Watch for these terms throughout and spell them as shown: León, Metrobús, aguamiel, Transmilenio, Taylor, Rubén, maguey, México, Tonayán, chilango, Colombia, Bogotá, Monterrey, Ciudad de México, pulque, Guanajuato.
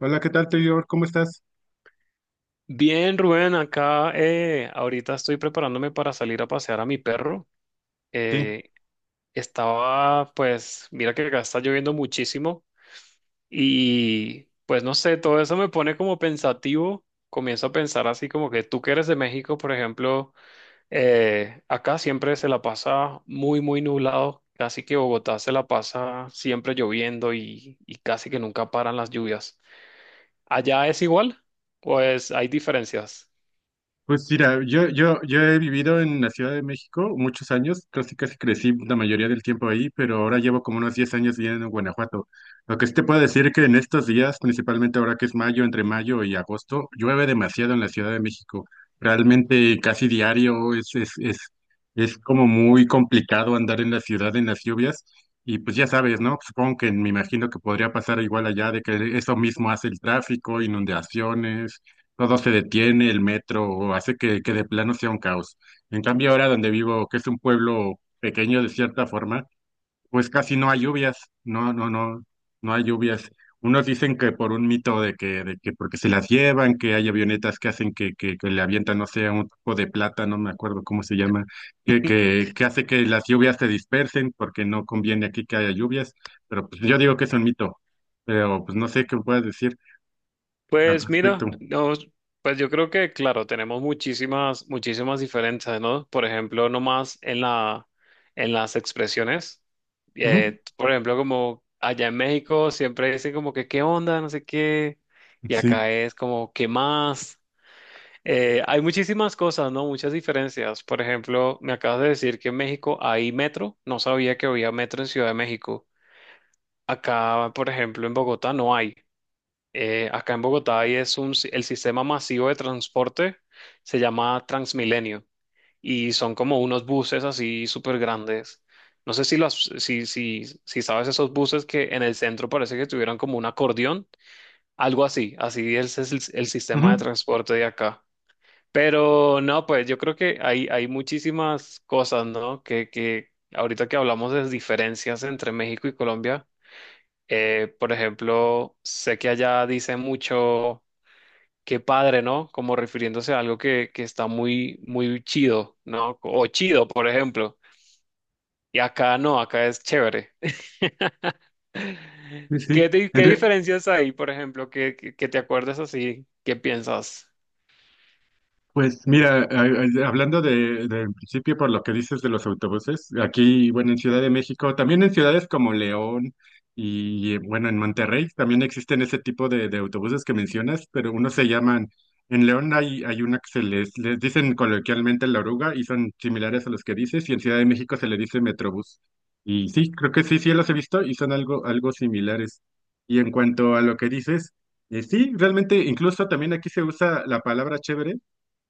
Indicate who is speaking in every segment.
Speaker 1: Hola, ¿qué tal, Taylor? ¿Cómo estás?
Speaker 2: Bien, Rubén, acá ahorita estoy preparándome para salir a pasear a mi perro.
Speaker 1: Sí,
Speaker 2: Eh, Estaba, pues, mira que acá está lloviendo muchísimo y pues no sé, todo eso me pone como pensativo. Comienzo a pensar así como que tú que eres de México, por ejemplo, acá siempre se la pasa muy, muy nublado. Casi que Bogotá se la pasa siempre lloviendo y casi que nunca paran las lluvias. ¿Allá es igual? Pues hay diferencias.
Speaker 1: pues mira, yo he vivido en la Ciudad de México muchos años, casi casi crecí la mayoría del tiempo ahí, pero ahora llevo como unos 10 años viviendo en Guanajuato. Lo que sí te puedo decir que en estos días, principalmente ahora que es mayo, entre mayo y agosto, llueve demasiado en la Ciudad de México. Realmente casi diario es como muy complicado andar en la ciudad en las lluvias. Y pues ya sabes, ¿no? Supongo que me imagino que podría pasar igual allá de que eso mismo hace el tráfico, inundaciones, todo se detiene, el metro o hace que de plano sea un caos. En cambio, ahora donde vivo, que es un pueblo pequeño de cierta forma, pues casi no hay lluvias, no, no, no, no hay lluvias. Unos dicen que por un mito de que porque se las llevan, que hay avionetas que hacen que le avientan, no sé, un tipo de plata, no me acuerdo cómo se llama, que hace que las lluvias se dispersen porque no conviene aquí que haya lluvias, pero pues yo digo que es un mito, pero pues no sé qué puedes decir al
Speaker 2: Pues
Speaker 1: respecto.
Speaker 2: mira, no, pues yo creo que, claro, tenemos muchísimas, muchísimas diferencias, ¿no? Por ejemplo, en las expresiones.
Speaker 1: Ujú.
Speaker 2: Por ejemplo, como allá en México siempre dicen como que qué onda, no sé qué, y
Speaker 1: Sí.
Speaker 2: acá es como qué más. Hay muchísimas cosas, ¿no? Muchas diferencias. Por ejemplo, me acabas de decir que en México hay metro. No sabía que había metro en Ciudad de México. Acá, por ejemplo, en Bogotá no hay. Acá en Bogotá y es un, si- el sistema masivo de transporte se llama Transmilenio y son como unos buses así súper grandes. No sé si, los, si, si, si sabes esos buses que en el centro parece que tuvieran como un acordeón, algo así, así es, el sistema de
Speaker 1: Ujú.
Speaker 2: transporte de acá. Pero no, pues yo creo que hay muchísimas cosas, ¿no? Que ahorita que hablamos de diferencias entre México y Colombia, por ejemplo, sé que allá dicen mucho qué padre, ¿no? Como refiriéndose a algo que está muy, muy chido, ¿no? O chido, por ejemplo. Y acá no, acá es chévere.
Speaker 1: Sí, sí.
Speaker 2: ¿Qué,
Speaker 1: En,
Speaker 2: qué
Speaker 1: re-
Speaker 2: diferencias hay, por ejemplo, que te acuerdas así? ¿Qué piensas?
Speaker 1: Pues mira, hablando del principio por lo que dices de los autobuses, aquí, bueno, en Ciudad de México, también en ciudades como León y, bueno, en Monterrey también existen ese tipo de autobuses que mencionas, pero unos se en León hay, hay una que se les dicen coloquialmente la oruga y son similares a los que dices, y en Ciudad de México se le dice Metrobús. Y sí, creo que sí, sí los he visto y son algo, algo similares. Y en cuanto a lo que dices, sí, realmente incluso también aquí se usa la palabra chévere,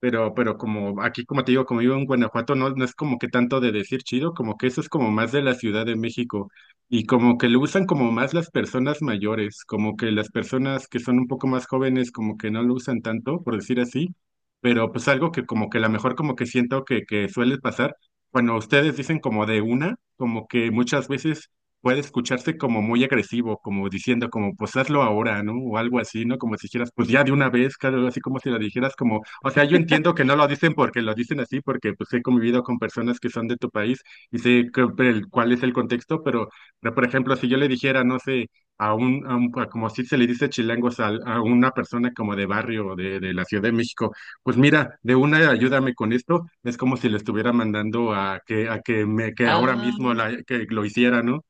Speaker 1: pero como aquí, como te digo, como vivo en Guanajuato, no, no es como que tanto de decir chido, como que eso es como más de la Ciudad de México y como que lo usan como más las personas mayores, como que las personas que son un poco más jóvenes como que no lo usan tanto, por decir así, pero pues algo que como que a lo mejor como que siento que suele pasar, cuando ustedes dicen como de una, como que muchas veces puede escucharse como muy agresivo, como diciendo como pues hazlo ahora, ¿no? O algo así, ¿no? Como si dijeras pues ya de una vez, claro, así como si lo dijeras como, o sea, yo entiendo que no lo dicen porque lo dicen así, porque pues he convivido con personas que son de tu país y sé que- el- cuál es el contexto, pero por ejemplo, si yo le dijera, no sé, a como si se le dice chilangos a una persona como de barrio o de la Ciudad de México, pues mira, de una ayúdame con esto, es como si le estuviera mandando a que me, que ahora mismo
Speaker 2: Ah,
Speaker 1: que lo hiciera, ¿no?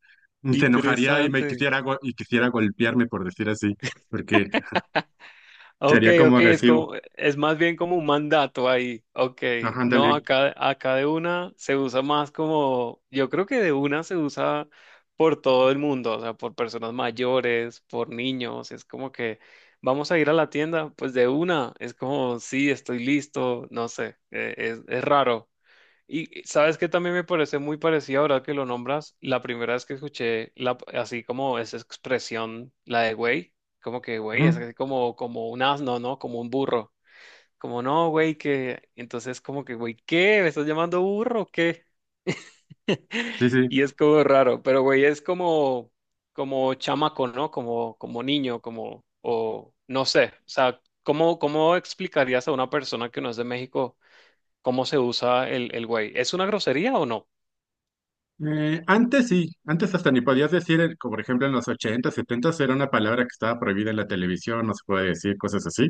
Speaker 1: Se enojaría y me
Speaker 2: interesante.
Speaker 1: quisiera, go- y quisiera golpearme, por decir así, porque
Speaker 2: Ok,
Speaker 1: sería como
Speaker 2: ok, es
Speaker 1: agresivo.
Speaker 2: como, es más bien como un mandato ahí. Ok,
Speaker 1: Ajá,
Speaker 2: no,
Speaker 1: ándale.
Speaker 2: acá de una se usa más como, yo creo que de una se usa por todo el mundo, o sea, por personas mayores, por niños, es como que vamos a ir a la tienda, pues de una, es como, sí, estoy listo, no sé, es raro. Y sabes que también me parece muy parecido ahora que lo nombras. La primera vez que escuché la, así como esa expresión, la de güey, como que güey, es
Speaker 1: Ujú.
Speaker 2: así como, como un asno, ¿no? Como un burro. Como no, güey, que. Entonces, como que güey, ¿qué? ¿Me estás llamando burro o qué?
Speaker 1: Sí, sí.
Speaker 2: Y es como raro, pero güey, es como, como chamaco, ¿no? Como, como niño, como, o no sé. O sea, ¿cómo, cómo explicarías a una persona que no es de México cómo se usa el güey? ¿Es una grosería o no?
Speaker 1: Antes sí, antes hasta ni podías decir, como por ejemplo en los 80, 70 era una palabra que estaba prohibida en la televisión, no se puede decir cosas así,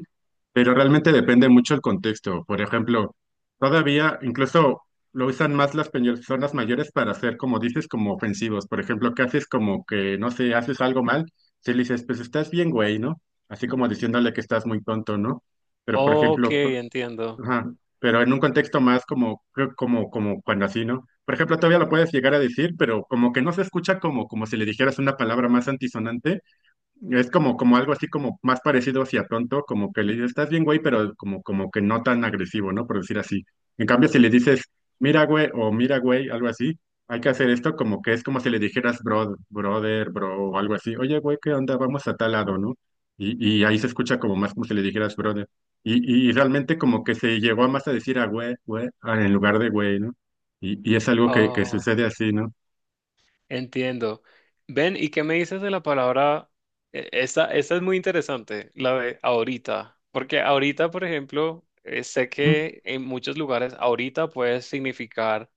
Speaker 1: pero realmente depende mucho el contexto. Por ejemplo, todavía incluso lo usan más las personas mayores para hacer, como dices, como ofensivos. Por ejemplo, que haces como que, no sé, haces algo mal, si le dices, pues estás bien, güey, ¿no? Así como diciéndole que estás muy tonto, ¿no? Pero por
Speaker 2: Ok,
Speaker 1: ejemplo,
Speaker 2: entiendo.
Speaker 1: ajá, pero en un contexto más como, creo- como, como cuando así, ¿no? Por ejemplo, todavía lo puedes llegar a decir, pero como que no se escucha como, como si le dijeras una palabra más antisonante, es como, como algo así como más parecido hacia tonto, como que le dices, estás bien, güey, pero como, como que no tan agresivo, ¿no? Por decir así. En cambio, si le dices, mira, güey, o mira, güey, algo así, hay que hacer esto como que es como si le dijeras, bro, brother, bro, o algo así. Oye, güey, ¿qué onda? Vamos a tal lado, ¿no? Y ahí se escucha como más como si le dijeras, brother. Y realmente como que se llegó a más a decir a güey, güey, en lugar de güey, ¿no? Y es algo que
Speaker 2: Oh,
Speaker 1: sucede así, ¿no?
Speaker 2: entiendo. Ven, ¿y qué me dices de la palabra? Esta es muy interesante, la de ahorita, porque ahorita, por ejemplo, sé
Speaker 1: Ujú,
Speaker 2: que en muchos lugares ahorita puede significar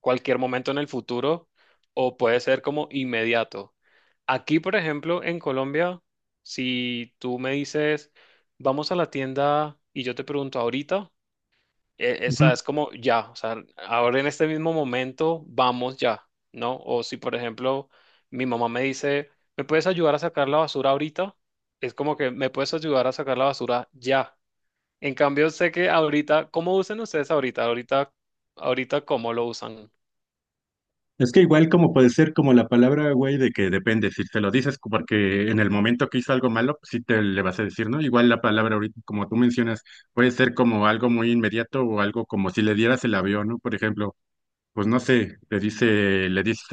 Speaker 2: cualquier momento en el futuro o puede ser como inmediato. Aquí, por ejemplo, en Colombia, si tú me dices, vamos a la tienda y yo te pregunto ahorita. Esa
Speaker 1: ujú.
Speaker 2: es como ya, o sea, ahora en este mismo momento vamos ya, ¿no? O si, por ejemplo, mi mamá me dice, ¿me puedes ayudar a sacar la basura ahorita? Es como que me puedes ayudar a sacar la basura ya. En cambio, sé que ahorita, ¿cómo usan ustedes ahorita? Ahorita, ahorita, ¿cómo lo usan?
Speaker 1: Es que igual como puede ser como la palabra, güey, de que depende, si te lo dices porque en el momento que hizo algo malo, pues sí te le vas a decir, ¿no? Igual la palabra ahorita, como tú mencionas, puede ser como algo muy inmediato o algo como si le dieras el avión, ¿no? Por ejemplo, pues no sé, le le dices,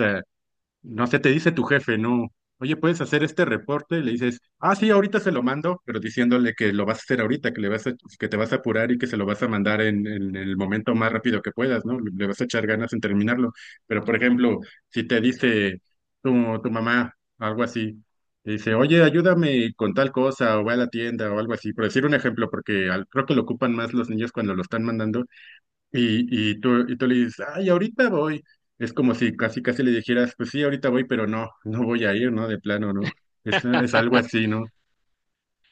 Speaker 1: no sé, te dice tu jefe, no, oye, ¿puedes hacer este reporte? Le dices, ah, sí, ahorita se lo mando, pero diciéndole que lo vas a hacer ahorita, que le vas a, que te vas a apurar y que se lo vas a mandar en el momento más rápido que puedas, ¿no? Le le vas a echar ganas en terminarlo. Pero, por ejemplo, si te dice tu mamá algo así, te dice, oye, ayúdame con tal cosa, o ve a la tienda, o algo así, por decir un ejemplo, porque creo que lo ocupan más los niños cuando lo están mandando y tú le dices, ay, ahorita voy. Es como si casi casi le dijeras, pues sí, ahorita voy, pero no, no voy a ir, ¿no? De plano, ¿no? Es algo así, ¿no?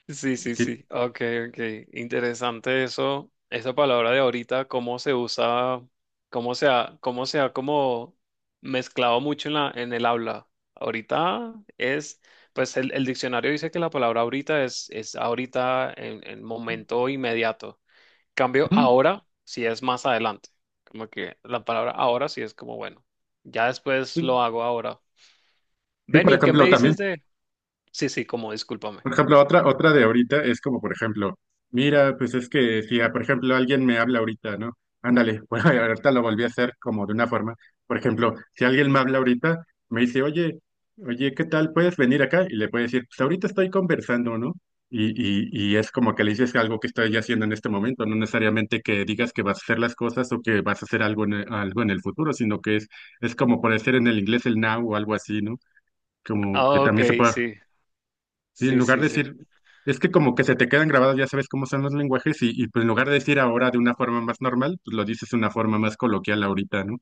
Speaker 2: Sí, sí,
Speaker 1: Sí.
Speaker 2: sí. Ok, ok. Interesante eso. Esa palabra de ahorita, cómo se usa, cómo se ha como mezclado mucho en la, en el habla. Ahorita es, pues el diccionario dice que la palabra ahorita es ahorita en momento inmediato. Cambio
Speaker 1: Ujú.
Speaker 2: ahora si es más adelante. Como que la palabra ahora sí es como, bueno, ya después
Speaker 1: Sí.
Speaker 2: lo hago ahora.
Speaker 1: Sí, por
Speaker 2: Benny, ¿qué me
Speaker 1: ejemplo,
Speaker 2: dices
Speaker 1: también
Speaker 2: de...? Sí, sí, como discúlpame.
Speaker 1: por ejemplo, otra, otra de ahorita es como, por ejemplo, mira, pues es que si, ah, por ejemplo, alguien me habla ahorita, ¿no? Ándale, bueno, ahorita lo volví a hacer como de una forma. Por ejemplo, si alguien me habla ahorita, me dice, oye, oye, ¿qué tal? ¿Puedes venir acá? Y le puedo decir, pues ahorita estoy conversando, ¿no? Y es como que le dices algo que estoy haciendo en este momento, no necesariamente que digas que vas a hacer las cosas o que vas a hacer algo en el futuro, sino que es como por decir en el inglés el now o algo así, ¿no? Como que
Speaker 2: Ah, Ok,
Speaker 1: también se puede.
Speaker 2: sí,
Speaker 1: Sí, en
Speaker 2: sí,
Speaker 1: lugar de
Speaker 2: sí, sí.
Speaker 1: decir, es que como que se te quedan grabados, ya sabes cómo son los lenguajes, y pues en lugar de decir ahora de una forma más normal, pues lo dices de una forma más coloquial ahorita, ¿no?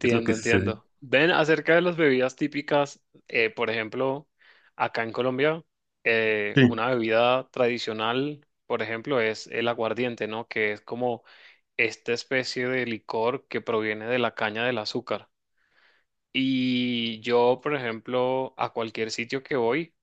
Speaker 1: Es lo que sucede.
Speaker 2: entiendo. Ven, acerca de las bebidas típicas, por ejemplo, acá en Colombia,
Speaker 1: Sí.
Speaker 2: una bebida tradicional, por ejemplo, es el aguardiente, ¿no? Que es como esta especie de licor que proviene de la caña del azúcar. Y yo, por ejemplo, a cualquier sitio que voy,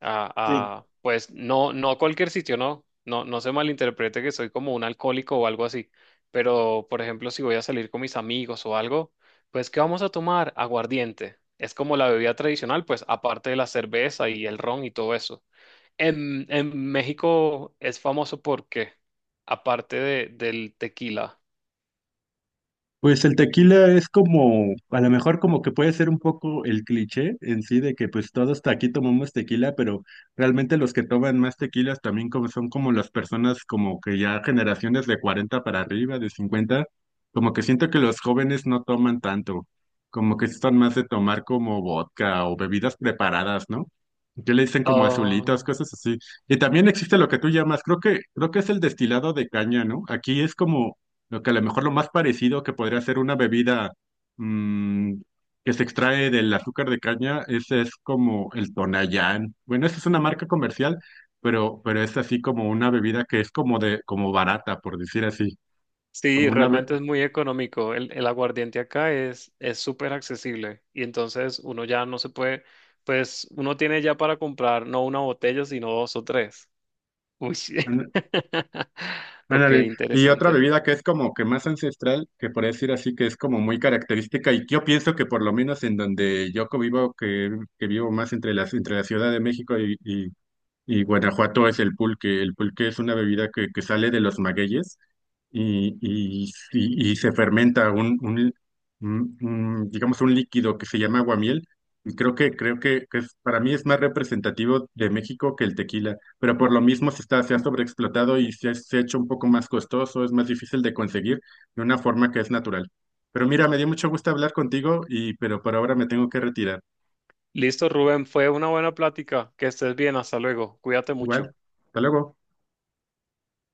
Speaker 2: ah,
Speaker 1: Sí.
Speaker 2: ah, pues no, no a cualquier sitio, no, no, no se malinterprete que soy como un alcohólico o algo así, pero por ejemplo, si voy a salir con mis amigos o algo, pues ¿qué vamos a tomar? Aguardiente. Es como la bebida tradicional, pues aparte de la cerveza y el ron y todo eso. En México es famoso porque, aparte del tequila,
Speaker 1: Pues el tequila es como, a lo mejor como que puede ser un poco el cliché en sí de que pues todos hasta aquí tomamos tequila, pero realmente los que toman más tequilas también como son como las personas como que ya generaciones de 40 para arriba, de 50, como que siento que los jóvenes no toman tanto, como que están más de tomar como vodka o bebidas preparadas, ¿no? Que le dicen como azulitas,
Speaker 2: ah,
Speaker 1: cosas así. Y también existe lo que tú llamas, creo que es el destilado de caña, ¿no? Aquí es como lo que a lo mejor lo más parecido que podría ser una bebida, mm, que se extrae del azúcar de caña, ese es como el Tonayán. Bueno, esa es una marca comercial, pero es así como una bebida que es como de, como barata, por decir así.
Speaker 2: sí,
Speaker 1: Como una be-
Speaker 2: realmente es muy económico. El aguardiente acá es súper accesible y entonces uno ya no se puede, pues uno tiene ya para comprar no una botella, sino dos o tres. Uy, sí.
Speaker 1: an-
Speaker 2: Ok,
Speaker 1: ándale. Y otra
Speaker 2: interesante.
Speaker 1: bebida que es como que más ancestral, que por decir así, que es como muy característica, y que yo pienso que por lo menos en donde yo vivo, que vivo más entre entre la Ciudad de México y Guanajuato, es el pulque. El pulque es una bebida que sale de los magueyes y se fermenta un, digamos, un líquido que se llama aguamiel. Y creo que es- para mí es más representativo de México que el tequila, pero por lo mismo se está, se ha sobreexplotado y se, se ha hecho un poco más costoso, es más difícil de conseguir de una forma que es natural. Pero mira, me dio mucho gusto hablar contigo y pero por ahora me tengo que retirar.
Speaker 2: Listo, Rubén, fue una buena plática. Que estés bien, hasta luego. Cuídate mucho.
Speaker 1: Igual, hasta luego.